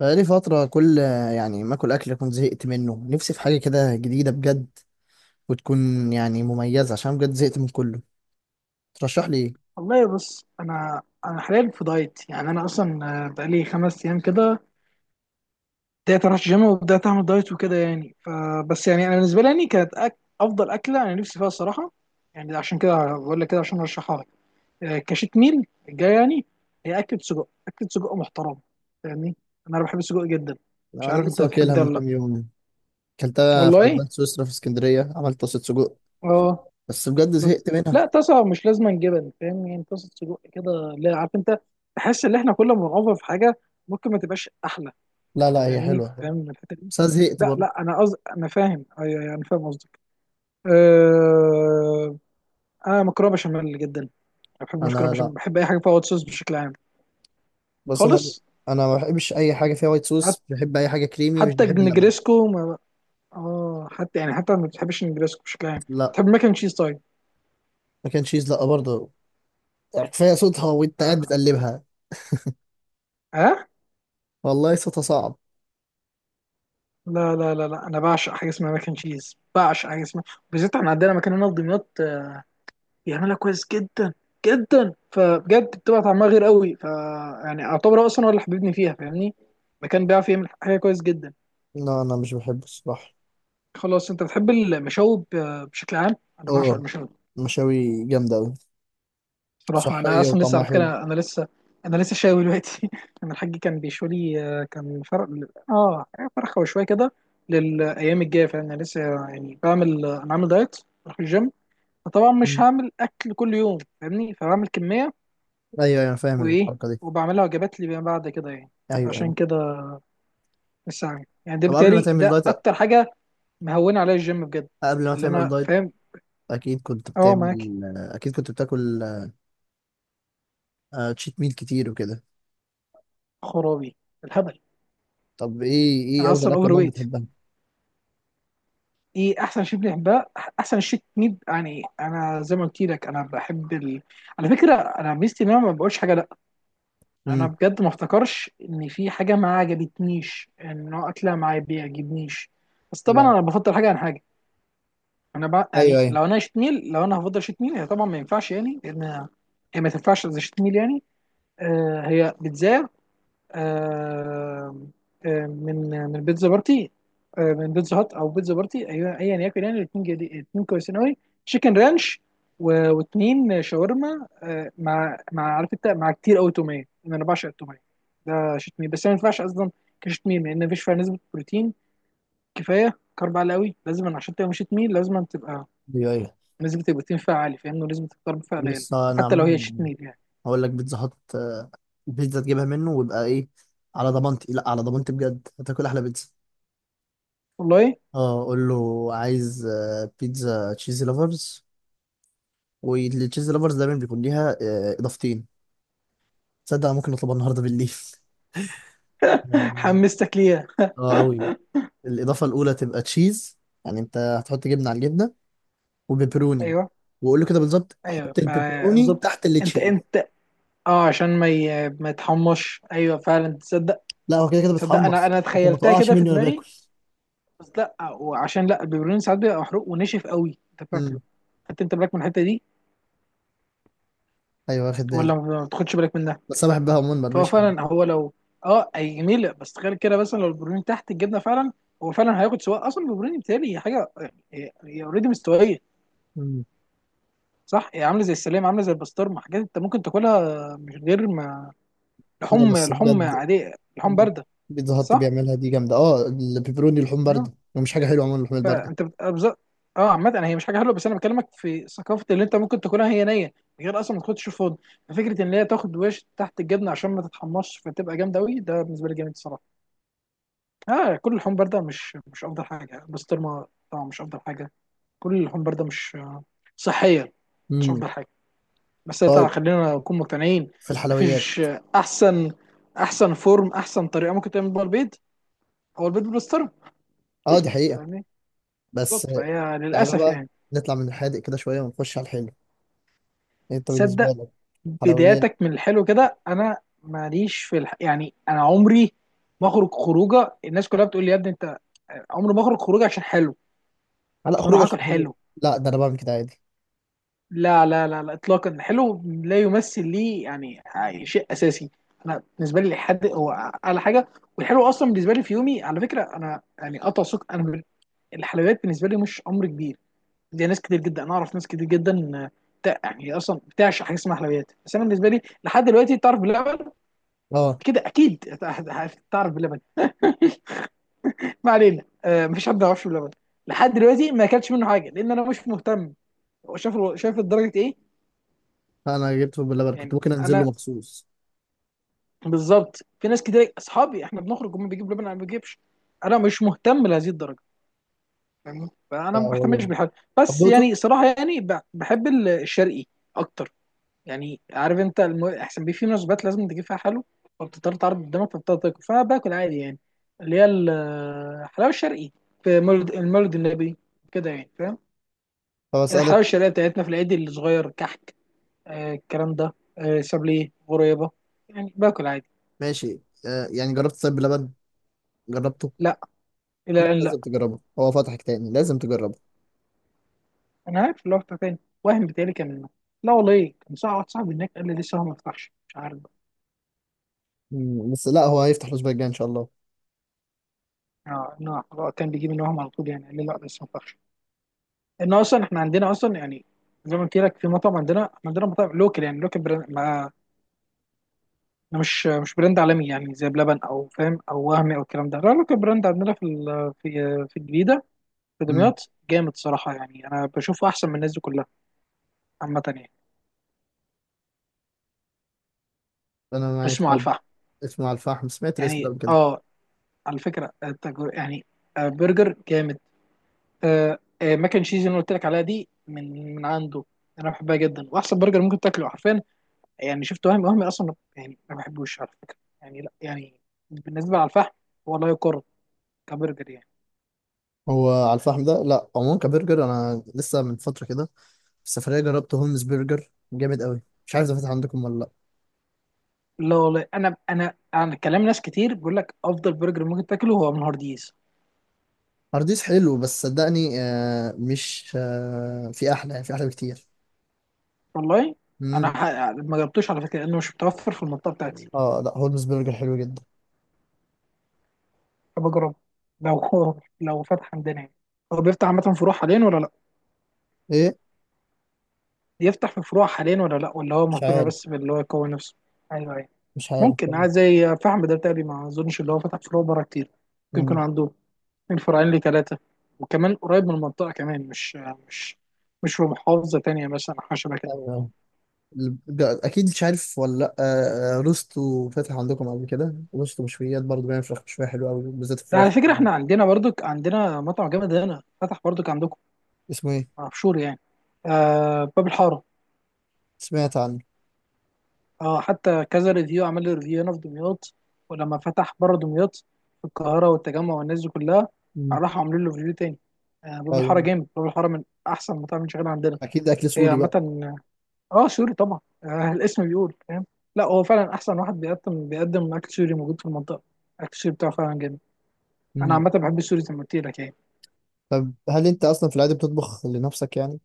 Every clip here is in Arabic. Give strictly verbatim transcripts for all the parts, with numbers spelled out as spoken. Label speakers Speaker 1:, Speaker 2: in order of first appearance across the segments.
Speaker 1: بقالي فترة كل، يعني ما اكل اكل، كنت زهقت منه. نفسي في حاجة كده جديدة بجد، وتكون يعني مميزة عشان بجد زهقت من كله. ترشح لي ايه؟
Speaker 2: والله بص، انا انا حاليا في دايت. يعني انا اصلا آه، بقالي خمس ايام كده بدات اروح الجيم وبدات اعمل دايت وكده. يعني فبس يعني انا بالنسبه لي يعني كانت أك... افضل اكله انا نفسي فيها الصراحه. يعني عشان كده بقول لك كده عشان ارشحها لك. آه، كشيت ميل الجاي يعني. هي اكله سجق، اكله سجق محترمه. فاهمني؟ انا بحب السجق جدا. مش
Speaker 1: انا
Speaker 2: عارف انت
Speaker 1: لسه
Speaker 2: بتحب
Speaker 1: واكلها
Speaker 2: ده
Speaker 1: من
Speaker 2: ولا لا.
Speaker 1: كام يوم، اكلتها في
Speaker 2: والله.
Speaker 1: البان سويسرا في اسكندرية، عملت طاسة سجق
Speaker 2: اه.
Speaker 1: بس بجد
Speaker 2: بس
Speaker 1: زهقت منها.
Speaker 2: لا، طاسه مش لازم جبن. فاهم يعني؟ طاسه سجق كده. لا عارف انت، بحس ان احنا كل ما بنوفر في حاجه ممكن ما تبقاش احلى.
Speaker 1: لا لا، هي
Speaker 2: فاهمني؟
Speaker 1: حلوة،
Speaker 2: فاهم من الحته دي.
Speaker 1: بس انا زهقت
Speaker 2: لا
Speaker 1: برضه.
Speaker 2: لا، انا قصد انا فاهم. ايوه، أيوة، انا فاهم قصدك. أه... انا مكرونه بشاميل جدا. انا بحب مكرونه
Speaker 1: انا
Speaker 2: بشاميل،
Speaker 1: لا.
Speaker 2: بحب اي حاجه فيها وايت صوص بشكل عام،
Speaker 1: بس انا
Speaker 2: خالص.
Speaker 1: انا ما بحبش اي حاجة فيها وايت
Speaker 2: حت...
Speaker 1: صوص، بحب اي حاجة كريمي، مش
Speaker 2: حتى
Speaker 1: بحب اللبن.
Speaker 2: النجريسكو ما... اه حتى يعني، حتى ما بتحبش النجريسكو بشكل عام.
Speaker 1: لا،
Speaker 2: بتحب ماكن تشيز طيب؟
Speaker 1: ما كان تشيز لا برضه، كفاية صوتها وانت قاعد
Speaker 2: اه.
Speaker 1: بتقلبها.
Speaker 2: آه؟
Speaker 1: والله صوتها صعب.
Speaker 2: لا لا لا لا، انا بعشق حاجه اسمها ماكن تشيز. بعشق حاجه اسمها، بالذات احنا عندنا مكان هنا في دمياط بيعملها كويس جدا جدا. فبجد بتبقى طعمها غير قوي. ف يعني اعتبر هو اصلا هو اللي حببني فيها. فاهمني؟ مكان بيعرف يعمل حاجه كويس جدا.
Speaker 1: لا انا مش بحبه الصراحة.
Speaker 2: خلاص. انت بتحب المشاوي ب- بشكل عام؟ انا بعشق
Speaker 1: اه،
Speaker 2: المشاوي.
Speaker 1: مشاوي جامدة أوي،
Speaker 2: بصراحه انا
Speaker 1: صحية
Speaker 2: اصلا لسه،
Speaker 1: وطعمها
Speaker 2: على
Speaker 1: حلو.
Speaker 2: فكره انا لسه، انا لسه شاوي دلوقتي انا الحاج كان بيشوي لي، آه، كان فرق. اه. فرخه وشويه كده للايام الجايه. فانا لسه يعني بعمل انا عامل دايت، بروح الجيم. فطبعا مش
Speaker 1: مم.
Speaker 2: هعمل اكل كل يوم، فاهمني؟ فبعمل كميه
Speaker 1: أيوه أيوه، أنا فاهم
Speaker 2: وايه،
Speaker 1: الحركة دي.
Speaker 2: وبعملها وجبات لي بعد كده يعني.
Speaker 1: أيوه أيوه.
Speaker 2: عشان كده لسه عامل يعني ده،
Speaker 1: طب قبل ما
Speaker 2: بالتالي
Speaker 1: تعمل
Speaker 2: ده
Speaker 1: دايت
Speaker 2: اكتر حاجه مهونه عليا الجيم بجد.
Speaker 1: قبل ما
Speaker 2: اللي
Speaker 1: تعمل
Speaker 2: انا
Speaker 1: دايت،
Speaker 2: فاهم.
Speaker 1: أكيد كنت
Speaker 2: اه، معاك.
Speaker 1: بتعمل أكيد كنت بتاكل آه، تشيت ميل كتير وكده.
Speaker 2: خرابي الهبل.
Speaker 1: طب إيه إيه
Speaker 2: انا
Speaker 1: أفضل
Speaker 2: اصلا
Speaker 1: أكلة
Speaker 2: اوفر
Speaker 1: ماما
Speaker 2: ويت.
Speaker 1: بتحبها؟
Speaker 2: ايه احسن شيء بنحبها؟ احسن شيء ميد يعني. انا زي ما قلت لك انا بحب ال... على فكره انا ميزتي ان انا ما بقولش حاجه لا. انا
Speaker 1: امم.
Speaker 2: بجد ما افتكرش ان في حاحاجه ما عجبتنيش، ان نوع اكله ما بيعجبنيش. بس طبعا
Speaker 1: لا.
Speaker 2: انا بفضل حاجه عن حاجه. انا بقى
Speaker 1: أيوه
Speaker 2: يعني
Speaker 1: أيوه.
Speaker 2: لو انا شيت ميل، لو انا هفضل شيت ميل، هي طبعا ما ينفعش يعني، لان هي ما تنفعش زي شيت ميل يعني. آه هي بيتزا. آه آه من من بيتزا بارتي. آه من بيتزا هات او بيتزا بارتي. ايوه، ايا يكن يعني. الاثنين جديد، الاثنين كويسين قوي. تشيكن رانش، و- واثنين شاورما، آه مع مع عارف انت، مع كتير قوي توميه، لان انا بعشق التوميه. ده شيت ميل، بس هي ما ينفعش اصلا كشيت ميل، لان مفيش فيها نسبه بروتين. كفايه كارب عالي قوي. لازم عشان تبقى شيت ميل لازم تبقى
Speaker 1: أيوه أيوه.
Speaker 2: لازم تبقى تيم فعال، فاهمني؟ ولازم تختار بفئة قليلة
Speaker 1: بص أنا
Speaker 2: حتى لو هي شيت
Speaker 1: عموما
Speaker 2: ميل يعني.
Speaker 1: هقول لك، بيتزا هات آه، بيتزا تجيبها منه ويبقى إيه. على ضمانتي، لا على ضمانتي بجد هتاكل أحلى بيتزا.
Speaker 2: والله
Speaker 1: أه، قول له عايز آه، بيتزا تشيزي لافرز، والتشيز لافرز دايما بيكون ليها آه، اضافتين. تصدق أنا ممكن نطلبها النهارده بالليل. اه.
Speaker 2: حمستك ليها.
Speaker 1: آه، قوي. الاضافه الاولى تبقى تشيز، يعني انت هتحط جبنه على الجبنه وبيبروني.
Speaker 2: ايوه،
Speaker 1: وقول له كده بالظبط،
Speaker 2: ايوه.
Speaker 1: حط البيبروني
Speaker 2: فبالظبط،
Speaker 1: تحت
Speaker 2: انت
Speaker 1: التشيز.
Speaker 2: انت اه، عشان ما ي... ما يتحمش. ايوه فعلا، تصدق؟
Speaker 1: لا هو كده كده
Speaker 2: تصدق، انا
Speaker 1: بتحمص
Speaker 2: انا
Speaker 1: عشان ما
Speaker 2: تخيلتها
Speaker 1: تقعش
Speaker 2: كده في
Speaker 1: مني وانا باكل.
Speaker 2: دماغي. بس لا، وعشان لا البيبروني ساعات بيبقى محروق ونشف قوي، انت فاكره؟
Speaker 1: امم.
Speaker 2: حتى انت بالك من الحته دي
Speaker 1: ايوه، واخد بالي.
Speaker 2: ولا ما بتاخدش بالك منها؟
Speaker 1: بس انا بحبها عموما
Speaker 2: فهو
Speaker 1: مرمشه يعني.
Speaker 2: فعلا. هو لو، اه اي جميله. بس تخيل كده مثلا لو البيبروني تحت الجبنه فعلا، هو فعلا هياخد. سواء اصلا البيبروني بتهيألي حاجه هي اوريدي مستويه،
Speaker 1: مم.
Speaker 2: صح. هي عامله زي السلام، عامله زي البسطرمه. حاجات انت ممكن تاكلها مش غير ما،
Speaker 1: لا
Speaker 2: لحوم
Speaker 1: بس
Speaker 2: لحوم
Speaker 1: بجد،
Speaker 2: عاديه، لحوم بارده.
Speaker 1: بيتزا هات
Speaker 2: صح.
Speaker 1: بيعملها دي جامده. اه، البيبروني لحوم
Speaker 2: اه
Speaker 1: بارده ومش حاجه حلوه عموما اللحوم البارده.
Speaker 2: فانت بت... أبز- اه عامه، أنا هي مش حاجه حلوه، بس انا بكلمك في ثقافه اللي انت ممكن تاكلها هي نيه من غير اصلا ما تاخدش فود. فكره ان هي تاخد وش تحت الجبنه عشان ما تتحمصش فتبقى جامده قوي، ده بالنسبه لي جامد الصراحه. اه، كل اللحوم بارده مش مش افضل حاجه. البسطرمه طبعا مش افضل حاجه. كل اللحوم بارده مش آه، صحيه، مش
Speaker 1: امم.
Speaker 2: افضل حاجه. بس طبعا
Speaker 1: طيب،
Speaker 2: خلينا نكون مقتنعين.
Speaker 1: في الحلويات؟
Speaker 2: مفيش احسن احسن فورم، احسن طريقه ممكن تعمل بيها البيض هو البيض بالسترن،
Speaker 1: اه دي حقيقه.
Speaker 2: فاهمني؟
Speaker 1: بس
Speaker 2: بالظبط. فهي
Speaker 1: تعالى
Speaker 2: للاسف
Speaker 1: بقى،
Speaker 2: يعني.
Speaker 1: نطلع من الحادق كده شوية ونخش على الحلو. انت بالنسبة
Speaker 2: صدق.
Speaker 1: لك حلويات؟
Speaker 2: بداياتك من الحلو كده؟ انا ماليش في الح... يعني انا عمري ما اخرج خروجه. الناس كلها بتقول لي يا ابني انت، عمري ما اخرج خروجه عشان حلو،
Speaker 1: لا
Speaker 2: عشان
Speaker 1: خروج
Speaker 2: اروح اكل
Speaker 1: عشان حلو؟
Speaker 2: حلو.
Speaker 1: لا ده انا بعمل كده عادي.
Speaker 2: لا لا لا لا اطلاقا، الحلو لا يمثل ليه يعني شيء اساسي. انا بالنسبه لي الحد هو اعلى حاجه. والحلو اصلا بالنسبه لي في يومي، على فكره، انا يعني قطع سكر، انا بال- الحلويات بالنسبه لي مش امر كبير. زي ناس كتير جدا، انا اعرف ناس كتير جدا آه، بتاع- يعني اصلا بتعشق حاجه اسمها حلويات. بس انا بالنسبه لي لحد دلوقتي، تعرف بلبن؟
Speaker 1: اه،
Speaker 2: كده اكيد تعرف بلبن، ما علينا. آه، مفيش حد ما يعرفش بلبن. لحد دلوقتي ما اكلتش منه حاجه لان انا مش مهتم. هو شايف شايف الدرجه ايه.
Speaker 1: انا جبته باللبن كنت
Speaker 2: يعني
Speaker 1: ممكن انزل له
Speaker 2: انا
Speaker 1: مخصوص.
Speaker 2: بالظبط، في ناس كتير اصحابي احنا بنخرج هم بيجيبوا لبن، انا ما بجيبش. انا مش مهتم لهذه الدرجه، فاهمني؟
Speaker 1: لا
Speaker 2: فانا ما
Speaker 1: هو
Speaker 2: بهتمش
Speaker 1: جامد.
Speaker 2: بالحاجه.
Speaker 1: طب
Speaker 2: بس
Speaker 1: دوقته.
Speaker 2: يعني صراحه يعني ب- بحب ال- الشرقي اكتر. يعني عارف انت الم... احسن بيه في مناسبات لازم تجيب فيها حلو، فبتضطر تعرض قدامك، فبتضطر تاكل. فانا باكل عادي يعني، اللي هي ال- الحلاوه الشرقي، في مولد المولد النبي كده يعني، فاهم؟
Speaker 1: طب اسألك.
Speaker 2: الحلاوه الشرقيه بتاعتنا في العيد الصغير كحك. آه الكلام ده. آه سابليه غريبه، يعني باكل عادي.
Speaker 1: ماشي. آه، يعني جربت طيب باللبن؟ جربته؟
Speaker 2: لا، الى
Speaker 1: لا
Speaker 2: ان،
Speaker 1: لازم تجربه، هو فتحك تاني، لازم تجربه.
Speaker 2: انا عارف اللي هو بتاع تاني، وهم بيتهيألي كان منه. لا والله إيه. كان صاحب واحد صاحبي هناك قال لي لسه هو ما فتحش، مش عارف بقى.
Speaker 1: مم. بس لا، هو هيفتح الأسبوع الجاي إن شاء الله.
Speaker 2: اه، إنه هو كان بيجيب ان وهم على طول يعني. قال لي لا لسه ما فتحش. ان اصلا احنا عندنا اصلا يعني، زي ما قلت لك في مطعم عندنا. إحنا عندنا مطاعم لوكال يعني، لوكال براند، ما ما مش مش براند عالمي يعني زي بلبن او فاهم او وهمي او الكلام ده، لا لوكال براند عندنا في ال- في في الجديده في
Speaker 1: امم.
Speaker 2: دمياط، جامد صراحه يعني. انا بشوفه احسن من الناس دي كلها عامه يعني.
Speaker 1: أنا معاك
Speaker 2: اسمه على
Speaker 1: طب.
Speaker 2: الفحم،
Speaker 1: اسمه على الفحم، سمعت الاسم ده
Speaker 2: يعني
Speaker 1: قبل كده.
Speaker 2: اه. على فكره التجر- يعني آه، برجر جامد. آه آه ماكن تشيز اللي أنا قلت لك عليها دي من من عنده. انا بحبها جدا، واحسن برجر ممكن تاكله حرفيا يعني. شفت وهمي، وهمي اصلا يعني ما بحبوش على فكره يعني، لا يعني بالنسبه على الفحم هو لا يقارن كبرجر يعني.
Speaker 1: هو على الفحم ده، لا عموما كبرجر، أنا لسه من فترة كده السفرية جربت هولمز برجر جامد قوي، مش عارف ده فاتح عندكم ولا لأ.
Speaker 2: لا والله، انا انا انا كلام ناس كتير بيقول لك افضل برجر ممكن تاكله هو من هارديز.
Speaker 1: هارديس حلو بس صدقني، آه مش آه في أحلى، يعني في أحلى بكتير.
Speaker 2: والله انا
Speaker 1: مم.
Speaker 2: ح- ما جربتوش على فكره لانه مش متوفر في المنطقه بتاعتي.
Speaker 1: اه لا، هولمز برجر حلو جدا.
Speaker 2: بجرب لو هو لو فتح عندنا يعني. هو بيفتح عامه فروع حاليا ولا لا،
Speaker 1: ايه؟
Speaker 2: يفتح في فروع حاليا ولا لا، ولا هو
Speaker 1: مش
Speaker 2: مهتم
Speaker 1: عارف.
Speaker 2: بس باللي هو يقوي نفسه. ايوه ايوه.
Speaker 1: مش عارف
Speaker 2: ممكن
Speaker 1: والله.
Speaker 2: عايز زي فحم ده بتاعي. ما اظنش اللي هو فتح فروع بره كتير. ممكن يكون
Speaker 1: مم.
Speaker 2: عنده من فرعين لثلاثه، وكمان قريب من المنطقه كمان، مش مش مش في محافظه تانيه مثلا أو حاجه شبه كده.
Speaker 1: أيوة. أيوة. ال- جا- أكيد مش عارف ولا لأ، آه آه، روستو فاتح عندكم قبل كده؟ روستو مشويات برضه، بيعمل فراخ مشوية حلوة أوي بالذات
Speaker 2: ده على
Speaker 1: الفراخ.
Speaker 2: فكره احنا عندنا برضك، عندنا مطعم جامد هنا فتح برضك عندكم
Speaker 1: اسمه إيه؟
Speaker 2: في شور يعني، آه باب الحاره.
Speaker 1: سمعت عنه.
Speaker 2: اه، حتى كذا ريفيو عمل لي ريفيو هنا في دمياط. ولما فتح بره دمياط في القاهرة والتجمع والناس دي كلها،
Speaker 1: مم.
Speaker 2: راحوا عاملين له ريفيو تاني. آه باب الحارة
Speaker 1: أيوه،
Speaker 2: جامد. باب الحارة من أحسن مطاعم اللي شغالة عندنا.
Speaker 1: أكيد أكل
Speaker 2: هي
Speaker 1: سوري
Speaker 2: عامة.
Speaker 1: بقى.
Speaker 2: اه آه، سوري طبعا، آه الاسم بيقول، فاهم؟ لا هو فعلا أحسن واحد بيقدم بيقدم أكل سوري موجود في المنطقة. أكل السوري بتاعه فعلا جامد. أنا
Speaker 1: مم.
Speaker 2: عامة بحب السوري زي ما قلت لك يعني.
Speaker 1: طب هل أنت أصلا في العادة بتطبخ لنفسك يعني؟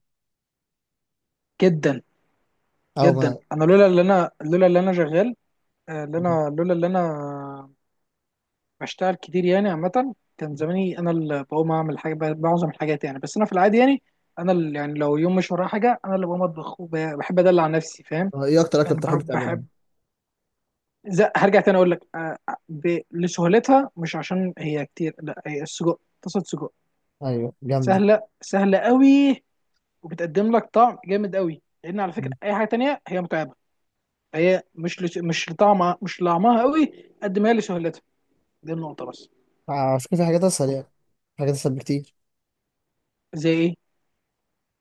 Speaker 2: جدا
Speaker 1: أو
Speaker 2: جدا.
Speaker 1: ما.
Speaker 2: أنا لولا اللي أنا لولا اللي أنا شغال، آه، اللي أنا لولا اللي أنا بشتغل كتير يعني. عامة كان زماني أنا اللي بقوم أعمل حاجة، معظم الحاجات يعني، بس أنا في العادي يعني أنا اللي، يعني لو يوم مش ورايا حاجة أنا اللي بقوم أطبخ، وبحب أدلع نفسي، فاهم؟
Speaker 1: آه، ايه اكتر اكله
Speaker 2: أنا
Speaker 1: بتحب
Speaker 2: بحب,
Speaker 1: تعملها؟
Speaker 2: بحب زي هرجع تاني أقول لك، آه، آه، ب- لسهولتها مش عشان هي كتير لا، هي السجق، طاسة سجق
Speaker 1: ايوه جامده.
Speaker 2: سهلة، سهلة قوي. وبتقدم لك طعم جامد قوي، لأن على فكرة
Speaker 1: مم.
Speaker 2: أي حاجة تانية هي متعبة. هي مش لس- مش لطعمها مش لطعمها قوي قد ما هي لسهولتها. دي النقطة بس.
Speaker 1: على فكره في حاجات اسهل يعني، في حاجات اسهل بكتير.
Speaker 2: زي إيه؟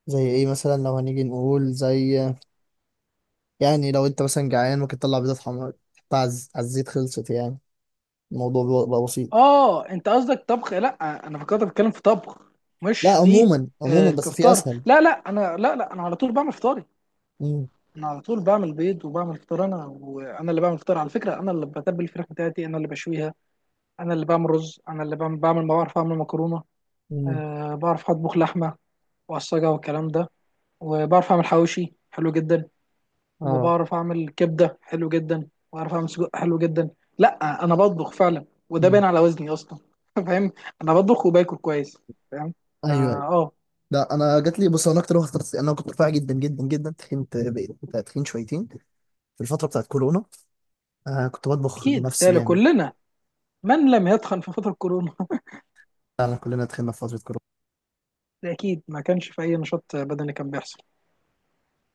Speaker 1: زي ايه مثلا؟ لو هنيجي نقول زي، يعني لو انت مثلا جعان، ممكن تطلع بيضه حمراء تحطها على الز- على الزيت، خلصت يعني. الموضوع بيبقى بقى بسيط.
Speaker 2: اه انت قصدك طبخ. لا انا فكرت بتكلم في طبخ،
Speaker 1: لا
Speaker 2: مش في،
Speaker 1: عموما عموما،
Speaker 2: آه
Speaker 1: بس في
Speaker 2: كفطار.
Speaker 1: اسهل.
Speaker 2: لا لا انا، لا لا، انا على طول بعمل فطاري.
Speaker 1: مم.
Speaker 2: انا على طول بعمل بيض وبعمل فطار. انا، وانا اللي بعمل فطار على فكره. انا اللي بتبل الفراخ بتاعتي، انا اللي بشويها، انا اللي بعمل رز، انا اللي بعمل بعمل بعرف اعمل مكرونه.
Speaker 1: مم.
Speaker 2: آه بعرف اطبخ لحمه واعصجها والكلام ده. وبعرف اعمل حواوشي حلو جدا،
Speaker 1: اه.
Speaker 2: وبعرف اعمل كبده حلو جدا، وبعرف اعمل سجق حلو جدا. لا انا بطبخ فعلا، وده
Speaker 1: مم.
Speaker 2: باين على وزني اصلا فاهم؟ انا بطبخ وباكل كويس، فاهم؟ اه.
Speaker 1: ايوه ايوه.
Speaker 2: آه.
Speaker 1: لا انا جات لي، بص انا اكتر واحده اخترت، انا كنت رفيع جدا جدا جدا، تخنت بقيت تخين شويتين في الفتره بتاعت كورونا، آه كنت بطبخ
Speaker 2: اكيد
Speaker 1: لنفسي
Speaker 2: بالتالي
Speaker 1: جامد.
Speaker 2: كلنا، من لم يتخن في فتره كورونا
Speaker 1: فعلا كلنا تخنا في فتره كورونا
Speaker 2: ده اكيد ما كانش في اي نشاط بدني كان بيحصل.